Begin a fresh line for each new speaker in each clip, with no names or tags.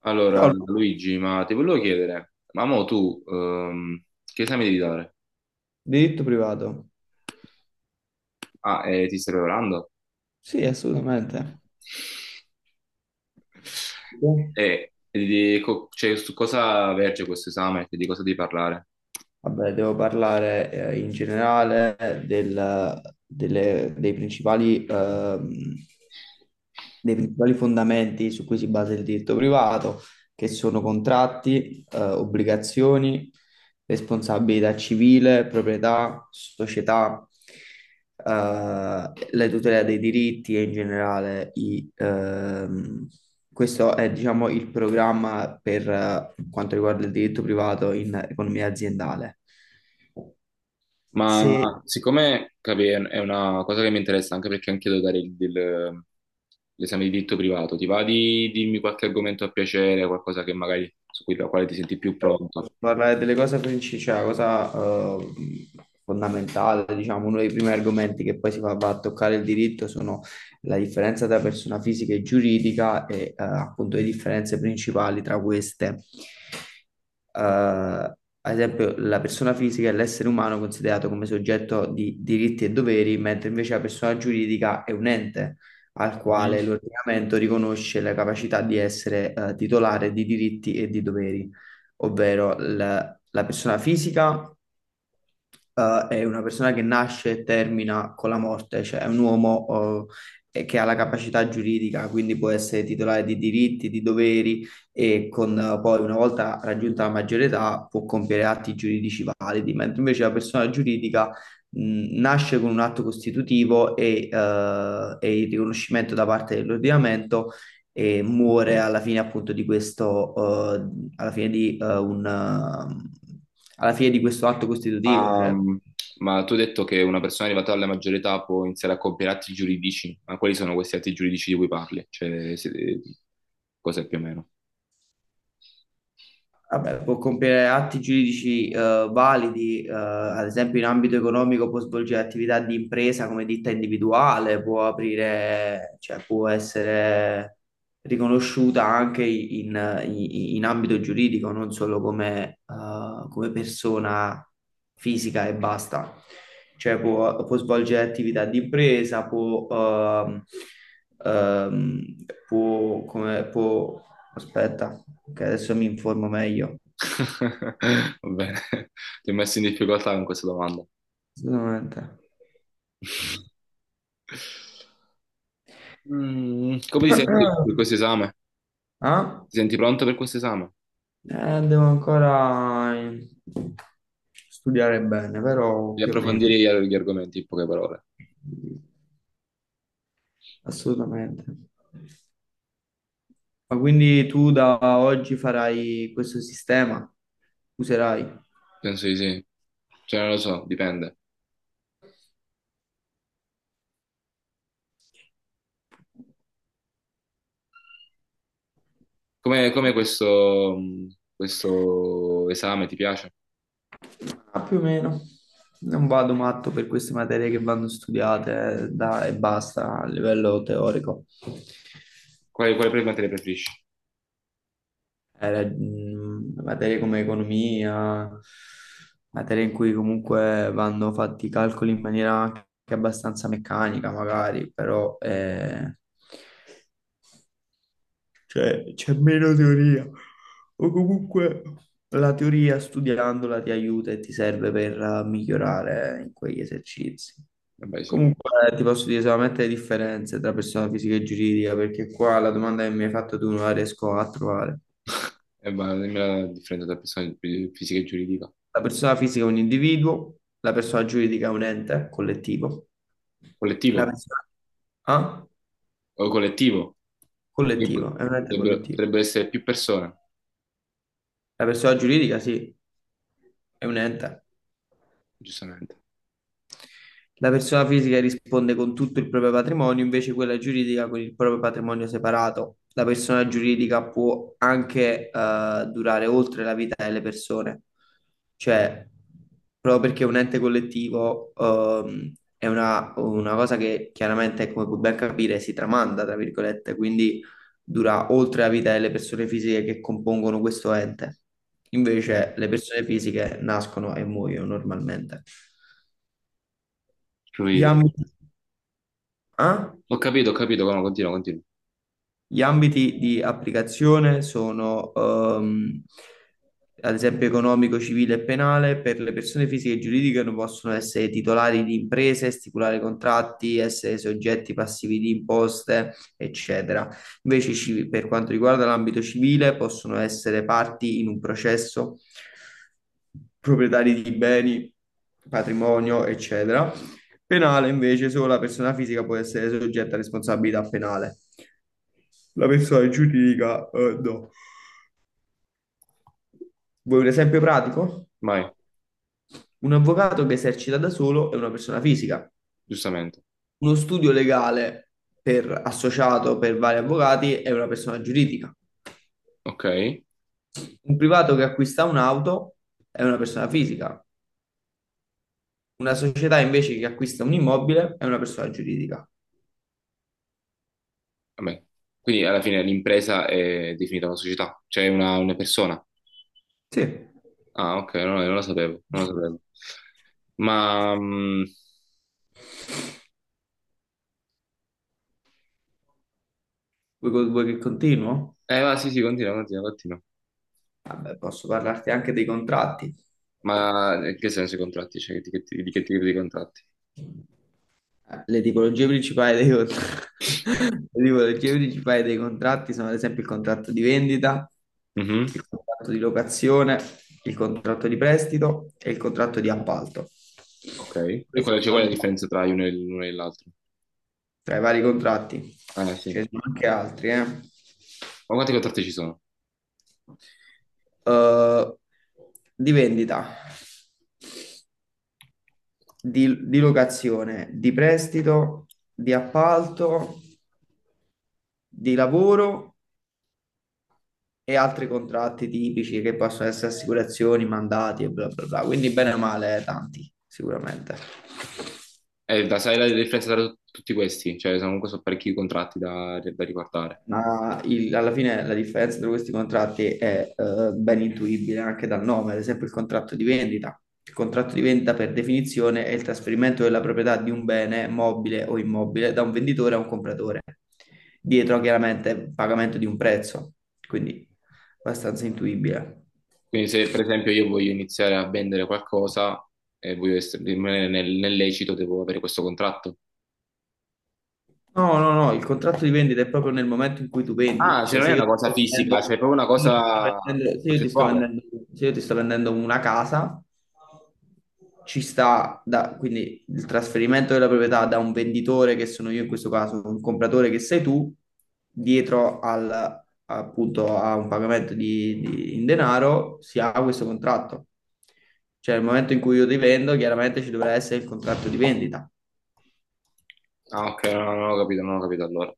Allora,
Ciao,
Luigi, ma ti volevo chiedere, ma mo tu che esame devi dare?
diritto privato.
Ah, ti stai preparando?
Sì, assolutamente.
Cioè, su cosa verge questo esame? Di cosa devi parlare?
Vabbè, devo parlare in generale del- delle- dei principali, ehm, dei principali fondamenti su cui si basa il diritto privato, che sono contratti, obbligazioni, responsabilità civile, proprietà, società, eh, la tutela dei diritti e in generale i. Questo è, diciamo, il programma per quanto riguarda il diritto privato in economia aziendale.
Ma
Sì,
siccome capi, è una cosa che mi interessa anche perché anche io devo dare l'esame di diritto privato, ti va di dirmi qualche argomento a piacere, qualcosa che magari su cui, la quale ti senti più pronto?
posso parlare delle cose principali, cioè la cosa eh, fondamentale, diciamo. Uno dei primi argomenti che poi va a toccare il diritto sono la differenza tra persona fisica e giuridica e appunto le differenze principali tra queste. Eh, Ad esempio, la persona fisica è l'essere umano considerato come soggetto di diritti e doveri, mentre invece la persona giuridica è un ente al quale l'ordinamento riconosce la capacità di essere titolare di diritti e di doveri, ovvero la persona fisica è una persona che nasce e termina con la morte, cioè è un uomo che ha la capacità giuridica, quindi può essere titolare di diritti, di doveri e con, poi una volta raggiunta la maggiore età può compiere atti giuridici validi, mentre invece la persona giuridica nasce con un atto costitutivo e il riconoscimento da parte dell'ordinamento e muore alla fine appunto di questo, eh, alla fine di eh, un, eh, alla fine di questo atto costitutivo,
Ma,
cioè.
ma tu hai detto che una persona arrivata alla maggiore età può iniziare a compiere atti giuridici, ma quali sono questi atti giuridici di cui parli? Cioè, cos'è più o meno?
Vabbè, può compiere atti giuridici validi. Eh, ad esempio in ambito economico può svolgere attività di impresa come ditta individuale, può aprire, cioè può essere riconosciuta anche in ambito giuridico, non solo come, come persona fisica e basta. Cioè può, può svolgere attività di impresa, può, ehm, può, come, può. Aspetta, che adesso mi informo meglio.
Va bene, ti ho messo in difficoltà con questa domanda.
Assolutamente.
Mm, come ti senti per questo esame?
Ah?
Ti senti pronto per questo esame?
Devo ancora studiare bene,
Di
però più o meno.
approfondire gli argomenti, in poche parole.
Assolutamente. Ma quindi tu da oggi farai questo sistema? Userai?
Penso di sì. Cioè, non lo so, dipende. Come questo, questo esame ti piace?
Ah, più o meno. Non vado matto per queste materie che vanno studiate e basta a livello teorico.
Quale materia preferisci?
Era, materie come economia, materie in cui comunque vanno fatti i calcoli in maniera anche abbastanza meccanica, magari, però cioè, c'è meno teoria. O comunque la teoria studiandola ti aiuta e ti serve per migliorare in quegli esercizi.
Vabbè, sì.
Comunque ti posso dire solamente le differenze tra persona fisica e giuridica, perché qua la domanda che mi hai fatto tu non la riesco a trovare.
Ma dimmi la differenza tra fisica e giuridica.
La persona fisica è un individuo, la persona giuridica è un ente collettivo. La
Collettivo
persona... Ah?
o collettivo. Quindi pot-
Collettivo, è un ente
Potrebbero,
collettivo.
potrebbero essere più persone,
La persona giuridica, sì, è un ente.
giustamente.
La persona fisica risponde con tutto il proprio patrimonio, invece quella giuridica con il proprio patrimonio separato. La persona giuridica può anche durare oltre la vita delle persone, cioè proprio perché è un ente collettivo, è una cosa che chiaramente, come puoi ben capire, si tramanda, tra virgolette, quindi dura oltre la vita delle persone fisiche che compongono questo ente.
Mm.
Invece le persone fisiche nascono e muoiono normalmente. Gli
Capito.
ambiti a.
Ho capito, ho capito. No, continua, continua.
Gli ambiti di applicazione sono, ad esempio, economico, civile e penale. Per le persone fisiche e giuridiche non possono essere titolari di imprese, stipulare contratti, essere soggetti passivi di imposte, eccetera. Invece, per quanto riguarda l'ambito civile, possono essere parti in un processo, proprietari di beni, patrimonio, eccetera. Penale invece, solo la persona fisica può essere soggetta a responsabilità penale. La persona giuridica, no. Vuoi un esempio pratico?
Vai,
Un avvocato che esercita da solo è una persona fisica.
giustamente.
Uno studio legale per associato per vari avvocati è una persona giuridica.
Ok.
Un privato che acquista un'auto è una persona fisica. Una società invece che acquista un immobile è una persona giuridica.
Vabbè. Quindi alla fine l'impresa è definita una società, cioè una persona.
Sì.
Ah, ok, no, non lo sapevo, non lo sapevo. Ma... mm,
Vuoi, vuoi che continuo?
eh, va, sì, sì, continua, continua, continua.
Vabbè, posso parlarti anche dei contratti.
Ma in che senso i contratti? Cioè, di che tipo di contratti?
Le tipologie principali le tipologie principali dei contratti sono ad esempio il contratto di vendita,
Mhm.
il contratto di locazione, il contratto di prestito e il contratto di appalto.
Ok. E
Questi
qual è, cioè,
sono
qual è la
diciamo,
differenza tra uno e l'uno e l'altro?
tra i vari contratti,
Sì.
ce ne sono anche altri, eh.
Ma quanti contratti ci sono?
Eh, di vendita, di locazione, di prestito, di appalto, di lavoro e altri contratti tipici che possono essere assicurazioni, mandati e bla bla bla. Quindi bene o male tanti, sicuramente.
Da, sai la differenza tra tutti questi? Cioè, sono comunque sono parecchi contratti da, da riguardare.
Ma alla fine la differenza tra questi contratti è ben intuibile anche dal nome, ad esempio il contratto di vendita. Il contratto di vendita per definizione è il trasferimento della proprietà di un bene mobile o immobile da un venditore a un compratore, dietro chiaramente pagamento di un prezzo, quindi abbastanza intuibile.
Quindi se, per esempio, io voglio iniziare a vendere qualcosa e voglio rimanere nel, nel lecito, devo avere questo contratto.
No, no, no, il contratto di vendita è proprio nel momento in cui tu vendi,
Ah, cioè
cioè
non è
se io
una
ti
cosa
sto
fisica, cioè
vendendo,
è proprio una cosa
se io ti sto
concettuale.
vendendo, se io ti sto vendendo- se io ti sto vendendo una casa, quindi il trasferimento della proprietà da un venditore, che sono io in questo caso, un compratore che sei tu, dietro al, appunto a un pagamento in denaro, si ha questo contratto. Cioè nel momento in cui io ti vendo, chiaramente ci dovrà essere il contratto di vendita.
Ah, ok, no, no, non ho capito, non ho capito allora.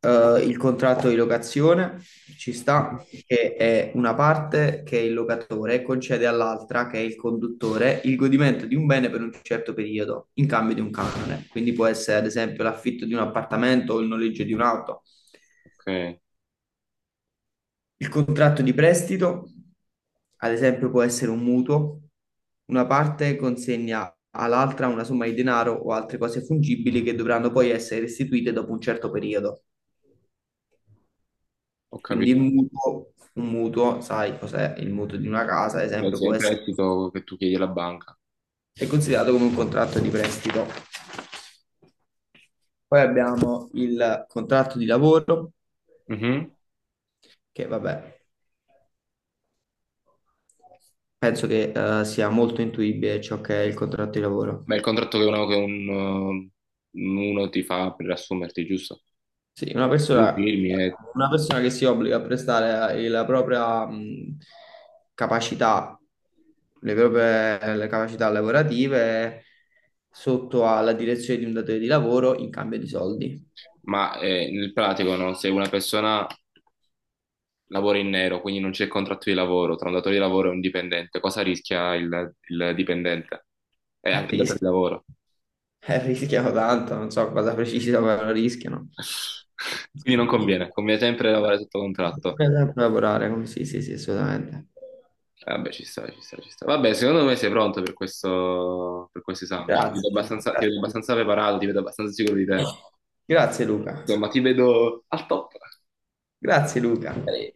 Eh, il contratto di locazione, ci sta, che è una parte, che è il locatore, concede all'altra, che è il conduttore, il godimento di un bene per un certo periodo, in cambio di un canone. Quindi può essere ad esempio l'affitto di un appartamento o il noleggio di un'auto.
Ok,
Il contratto di prestito, ad esempio, può essere un mutuo. Una parte consegna all'altra una somma di denaro o altre cose fungibili che dovranno poi essere restituite dopo un certo periodo.
ho
Quindi il
capito.
mutuo, un mutuo, sai cos'è? Il mutuo di una casa, ad
Beh,
esempio,
sì, è
può
il
essere,
prestito che tu chiedi alla banca.
è considerato come un contratto di prestito. Poi abbiamo il contratto di lavoro,
Mhm.
che vabbè, penso che sia molto intuibile ciò che è il contratto di lavoro.
Ma il contratto che uno ti fa per assumerti, giusto?
Sì,
Tu firmi,
una persona che si obbliga a prestare la propria capacità, le capacità lavorative sotto alla direzione di un datore di lavoro in cambio di soldi.
ma nel pratico, no? Se una persona lavora in nero, quindi non c'è contratto di lavoro tra un datore di lavoro e un dipendente, cosa rischia il dipendente? E
Eh,
anche il datore
ris-
di lavoro.
rischiano tanto, non so cosa precisa, ma rischiano.
Quindi non
Bisogna
conviene, conviene sempre lavorare sotto contratto.
sempre sì, sì, sì, assolutamente.
Vabbè, ci sta, ci sta, ci sta. Vabbè, secondo me sei pronto per questo esame. Cioè, ti vedo
Grazie.
abbastanza, ti vedo
Grazie.
abbastanza preparato, ti vedo abbastanza sicuro di te.
Grazie, Luca.
Insomma, ti vedo al top.
Grazie Luca.
Eh,